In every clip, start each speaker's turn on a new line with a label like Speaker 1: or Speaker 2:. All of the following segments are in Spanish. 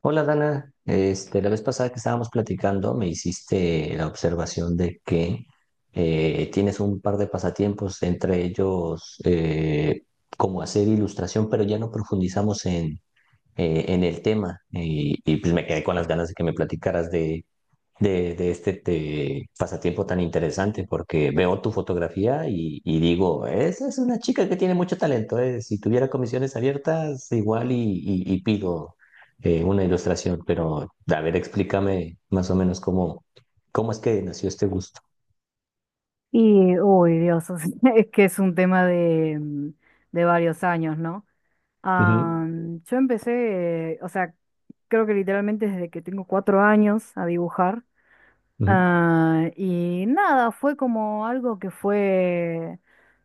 Speaker 1: Hola Dana, la vez pasada que estábamos platicando me hiciste la observación de que tienes un par de pasatiempos, entre ellos como hacer ilustración, pero ya no profundizamos en el tema y pues me quedé con las ganas de que me platicaras de este pasatiempo tan interesante porque veo tu fotografía y digo, esa es una chica que tiene mucho talento, eh. Si tuviera comisiones abiertas, igual y pido una ilustración, pero a ver, explícame más o menos cómo es que nació este gusto.
Speaker 2: Y, uy, Dios, o sea, es que es un tema de varios años, ¿no?
Speaker 1: Ujú,
Speaker 2: Yo empecé, o sea, creo que literalmente desde que tengo 4 años a dibujar.
Speaker 1: ujú.
Speaker 2: Ah, y nada, fue como algo que fue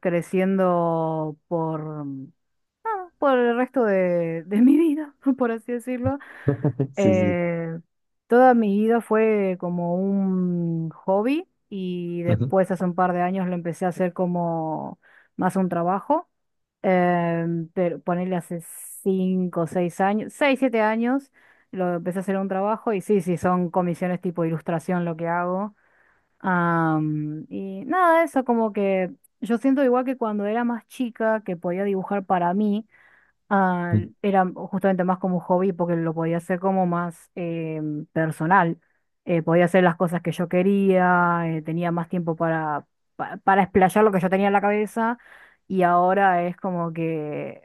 Speaker 2: creciendo por el resto de mi vida, por así decirlo.
Speaker 1: Sí, sí.
Speaker 2: Eh, Toda mi vida fue como un hobby y
Speaker 1: Ujú,
Speaker 2: después hace un par de años lo empecé a hacer como más un trabajo. Pero ponerle hace cinco, o seis años, seis, siete años, lo empecé a hacer un trabajo y sí, sí, son comisiones tipo ilustración lo que hago. Y nada, eso como que yo siento igual que cuando era más chica que podía dibujar para mí. Ah,
Speaker 1: ujú.
Speaker 2: era justamente más como un hobby porque lo podía hacer como más personal. Podía hacer las cosas que yo quería, tenía más tiempo para explayar lo que yo tenía en la cabeza y ahora es como que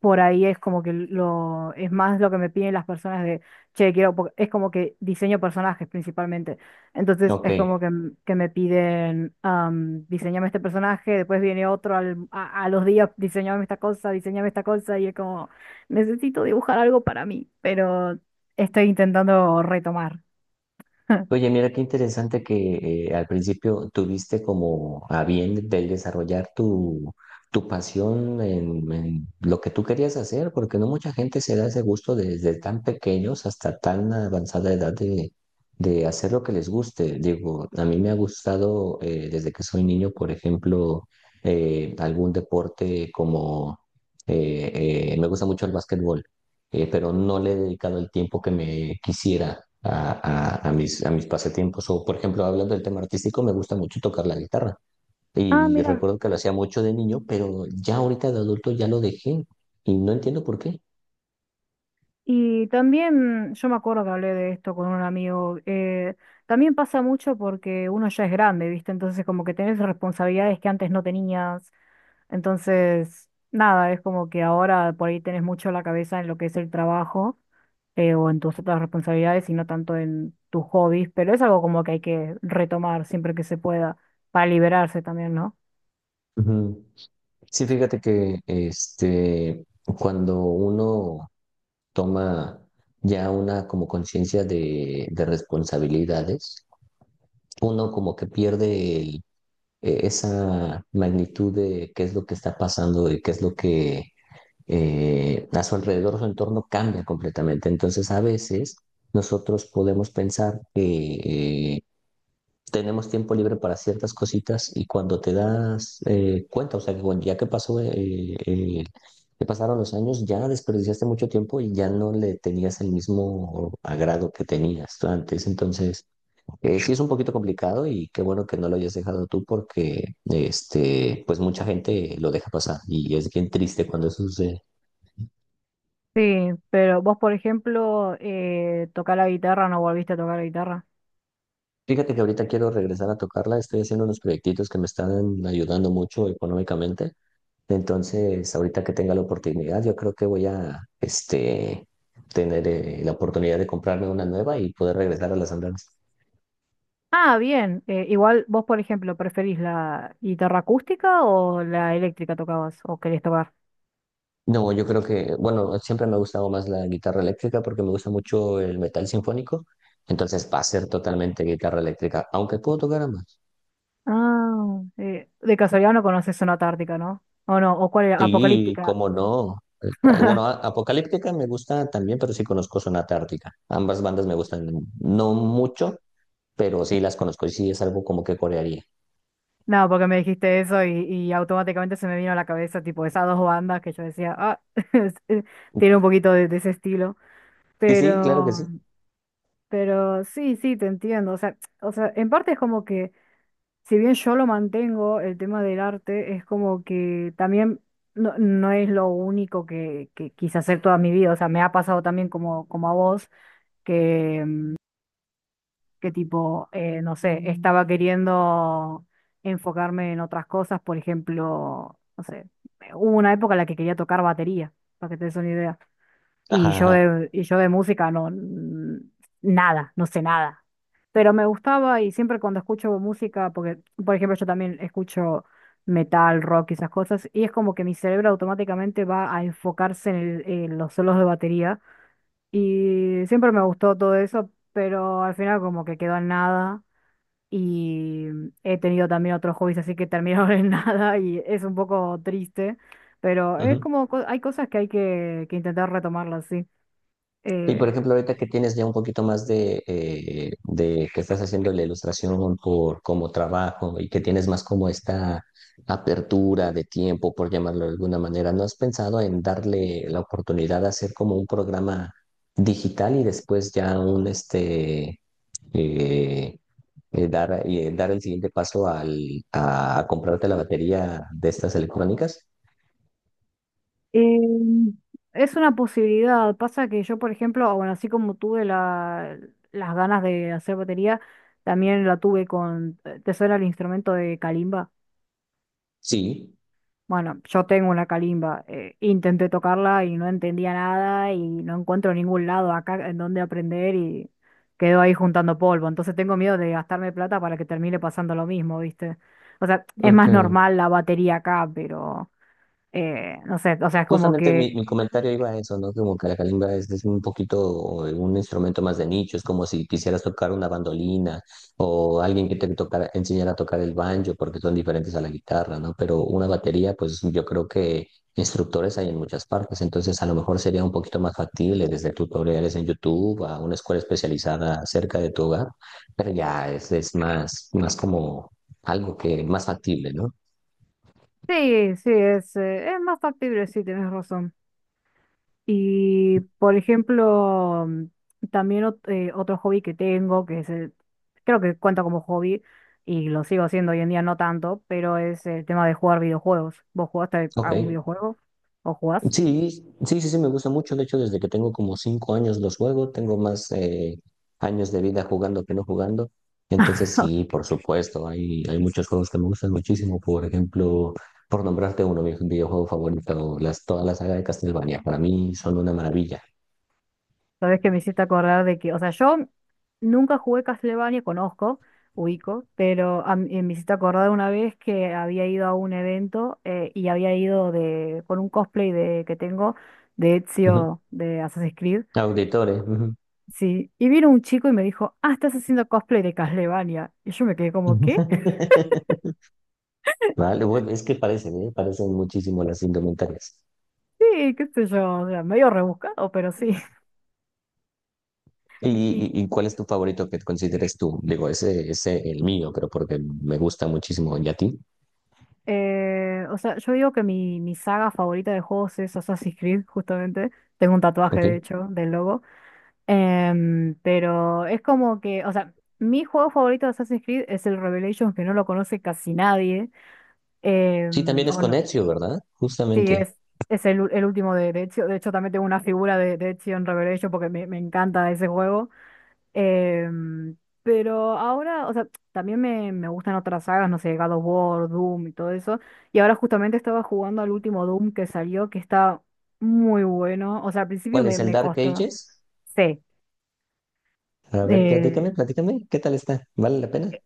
Speaker 2: por ahí es como que lo es más lo que me piden las personas de, che, quiero, es como que diseño personajes principalmente. Entonces
Speaker 1: Ok.
Speaker 2: es como que me piden, diseñame este personaje, después viene otro a los días, diseñame esta cosa, y es como, necesito dibujar algo para mí, pero estoy intentando retomar.
Speaker 1: Oye, mira qué interesante que al principio tuviste como a bien del desarrollar tu pasión en lo que tú querías hacer, porque no mucha gente se da ese gusto desde tan pequeños hasta tan avanzada edad de hacer lo que les guste. Digo, a mí me ha gustado desde que soy niño, por ejemplo, algún deporte como me gusta mucho el básquetbol, pero no le he dedicado el tiempo que me quisiera a mis pasatiempos. O, por ejemplo, hablando del tema artístico, me gusta mucho tocar la guitarra.
Speaker 2: Ah,
Speaker 1: Y
Speaker 2: mira.
Speaker 1: recuerdo que lo hacía mucho de niño, pero ya ahorita de adulto ya lo dejé y no entiendo por qué.
Speaker 2: Y también, yo me acuerdo que hablé de esto con un amigo. También pasa mucho porque uno ya es grande, ¿viste? Entonces como que tenés responsabilidades que antes no tenías. Entonces, nada, es como que ahora por ahí tenés mucho la cabeza en lo que es el trabajo, o en tus otras responsabilidades y no tanto en tus hobbies, pero es algo como que hay que retomar siempre que se pueda para liberarse también, ¿no?
Speaker 1: Ujú. Sí, fíjate que cuando uno toma ya una como conciencia de responsabilidades, uno como que pierde esa magnitud de qué es lo que está pasando y qué es lo que a su alrededor, su entorno cambia completamente. Entonces, a veces nosotros podemos pensar que tenemos tiempo libre para ciertas cositas y cuando te das cuenta, o sea, que ya que pasó, eh, que pasaron los años, ya desperdiciaste mucho tiempo y ya no le tenías el mismo agrado que tenías tú antes. Entonces, sí es un poquito complicado y qué bueno que no lo hayas dejado tú porque pues mucha gente lo deja pasar y es bien triste cuando eso sucede.
Speaker 2: Sí, pero vos, por ejemplo, tocar la guitarra, ¿no volviste a tocar la guitarra?
Speaker 1: Fíjate que ahorita quiero regresar a tocarla, estoy haciendo unos proyectitos que me están ayudando mucho económicamente, entonces ahorita que tenga la oportunidad yo creo que voy a tener la oportunidad de comprarme una nueva y poder regresar a las andadas.
Speaker 2: Ah, bien. Igual vos, por ejemplo, ¿preferís la guitarra acústica o la eléctrica tocabas o querés tocar?
Speaker 1: No, yo creo que, bueno, siempre me ha gustado más la guitarra eléctrica porque me gusta mucho el metal sinfónico, entonces va a ser totalmente guitarra eléctrica, aunque puedo tocar ambas.
Speaker 2: De casualidad no conoces Sonata Ártica, ¿no? O no, o cuál era,
Speaker 1: Sí,
Speaker 2: Apocalíptica.
Speaker 1: cómo no. Bueno, Apocalíptica me gusta también, pero sí conozco Sonata Ártica. Ambas bandas me gustan, no mucho, pero sí las conozco y sí es algo como que corearía.
Speaker 2: No, porque me dijiste eso y automáticamente se me vino a la cabeza, tipo, esas dos bandas que yo decía, ah, es- eh, tiene un poquito de ese estilo.
Speaker 1: Sí, sí, claro que
Speaker 2: Pero,
Speaker 1: sí.
Speaker 2: pero sí, sí, te entiendo. O sea, en parte es como que. Si bien yo lo mantengo, el tema del arte es como que también no, no es lo único que quise hacer toda mi vida. O sea, me ha pasado también como a vos, que, mm, que tipo, no sé, estaba queriendo enfocarme en otras cosas. Por ejemplo, no sé, hubo una época en la que quería tocar batería, para que te des una idea. Y
Speaker 1: Ajá,
Speaker 2: yo
Speaker 1: ajá.
Speaker 2: de, y yo de música nada, no sé nada. Pero me gustaba y siempre cuando escucho música, porque por ejemplo yo también escucho metal, rock y esas cosas, y es como que mi cerebro automáticamente va a enfocarse en los solos de batería. Y siempre me gustó todo eso, pero al final como que quedó en nada. Y he tenido también otros hobbies así que terminaron en nada y es un poco triste, pero es
Speaker 1: Ujú.
Speaker 2: como hay cosas que hay que intentar retomarlas, sí.
Speaker 1: Y por
Speaker 2: Eh,
Speaker 1: ejemplo, ahorita que tienes ya un poquito más de que estás haciendo la ilustración por como trabajo y que tienes más como esta apertura de tiempo, por llamarlo de alguna manera, ¿no has pensado en darle la oportunidad de hacer como un programa digital y después ya un eh, dar el siguiente paso a comprarte la batería de estas electrónicas?
Speaker 2: eh, es una posibilidad. Pasa que yo, por ejemplo, ah, bueno, así como tuve las ganas de hacer batería, también la tuve ¿te suena el instrumento de calimba?
Speaker 1: Sí.
Speaker 2: Bueno, yo tengo una calimba. Intenté tocarla y no entendía nada y no encuentro ningún lado acá en donde aprender y quedo ahí juntando polvo. Entonces tengo miedo de gastarme plata para que termine pasando lo mismo, ¿viste? O sea, es
Speaker 1: Ok.
Speaker 2: más normal la batería acá, pero no sé, o sea, es como
Speaker 1: Justamente mi,
Speaker 2: que.
Speaker 1: mi comentario iba a eso, ¿no? Como que la calimba es un poquito un instrumento más de nicho, es como si quisieras tocar una bandolina o alguien que te enseñara a tocar el banjo, porque son diferentes a la guitarra, ¿no? Pero una batería, pues yo creo que instructores hay en muchas partes, entonces a lo mejor sería un poquito más factible desde tutoriales en YouTube a una escuela especializada cerca de tu hogar, pero ya es más, más como algo que más factible, ¿no?
Speaker 2: Sí, sí, es más factible, sí, tienes razón. Y, por ejemplo, también otro hobby que tengo, que es, creo que cuenta como hobby, y lo sigo haciendo hoy en día no tanto, pero es el tema de jugar videojuegos. ¿Vos jugaste
Speaker 1: Ok.
Speaker 2: algún videojuego? ¿O jugás?
Speaker 1: Sí, sí, sí, sí, me gusta mucho. De hecho, desde que tengo como 5 años los juego, tengo más años de vida jugando que no jugando. Entonces, sí, por supuesto, hay muchos juegos que me gustan muchísimo. Por ejemplo, por nombrarte uno, mi videojuego favorito, toda la saga de Castlevania, para mí son una maravilla.
Speaker 2: Sabes que me hiciste acordar de que, o sea, yo nunca jugué Castlevania, conozco, ubico, pero me hiciste acordar una vez que había ido a un evento, y había ido con un cosplay de, que tengo de
Speaker 1: Ujú.
Speaker 2: Ezio de Assassin's Creed.
Speaker 1: Auditores. Ujú.
Speaker 2: Sí, y vino un chico y me dijo, ah, estás haciendo cosplay de Castlevania. Y yo me quedé como, ¿qué?
Speaker 1: Vale, bueno, es que parecen, ¿eh? Parecen muchísimo las indumentarias.
Speaker 2: Sí, qué sé yo, o sea, medio rebuscado, pero sí.
Speaker 1: ¿Y,
Speaker 2: Y,
Speaker 1: y cuál es tu favorito que consideres tú? Digo, ese es el mío, pero porque me gusta muchísimo. ¿Y a ti?
Speaker 2: o sea, yo digo que mi saga favorita de juegos es Assassin's Creed, justamente. Tengo un tatuaje,
Speaker 1: Ok.
Speaker 2: de hecho, del logo. Pero es como que, o sea, mi juego favorito de Assassin's Creed es el Revelations, que no lo conoce casi nadie.
Speaker 1: Sí, también es
Speaker 2: O
Speaker 1: con
Speaker 2: no,
Speaker 1: Ezio, ¿verdad?
Speaker 2: sí,
Speaker 1: Justamente.
Speaker 2: es el último de Ezio. De hecho, también tengo una figura de Ezio en Revelations porque me encanta ese juego. Em, pero ahora, o sea, también me gustan otras sagas, no sé, God of War, Doom y todo eso. Y ahora justamente estaba jugando al último Doom que salió, que está muy bueno. O sea, al principio
Speaker 1: ¿Cuál
Speaker 2: me,
Speaker 1: es el
Speaker 2: me
Speaker 1: Dark
Speaker 2: costó.
Speaker 1: Ages?
Speaker 2: Sí,
Speaker 1: A ver,
Speaker 2: eh,
Speaker 1: platícame, platícame. ¿Qué tal está? ¿Vale la pena?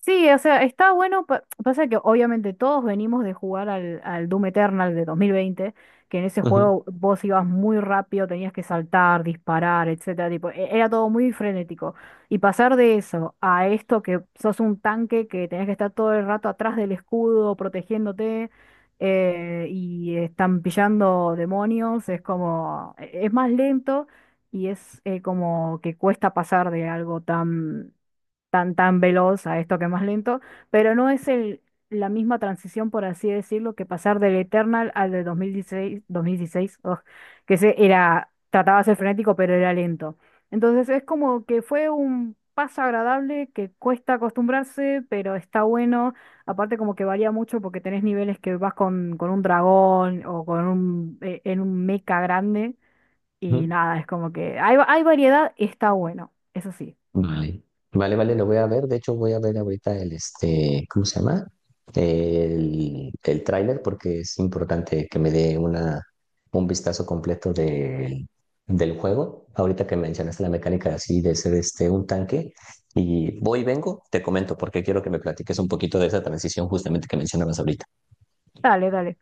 Speaker 2: sí, o sea, está bueno. Pasa que obviamente todos venimos de jugar al Doom Eternal de 2020, que en ese
Speaker 1: Ujú,
Speaker 2: juego vos ibas muy rápido, tenías que saltar, disparar, etcétera. Tipo, era todo muy frenético. Y pasar de eso a esto que sos un tanque que tenés que estar todo el rato atrás del escudo, protegiéndote, y están pillando demonios, es como, es más lento y es como que cuesta pasar de algo tan, tan, veloz a esto que es más lento, pero no es la misma transición, por así decirlo, que pasar del Eternal al de 2016, 2016, ugh, que se era, trataba de ser frenético, pero era lento. Entonces es como que fue un paso agradable que cuesta acostumbrarse, pero está bueno. Aparte como que varía mucho porque tenés niveles que vas con un dragón o en un mecha grande. Y
Speaker 1: ujú.
Speaker 2: nada, es como que hay variedad y está bueno, eso sí.
Speaker 1: Vale, vale, vale, lo voy a ver. De hecho, voy a ver ahorita este, ¿cómo se llama? El tráiler porque es importante que me dé una, un vistazo completo del juego. Ahorita que mencionaste la mecánica así de ser este, un tanque. Y voy y vengo, te comento porque quiero que me platiques un poquito de esa transición justamente que mencionabas ahorita.
Speaker 2: Dale, dale.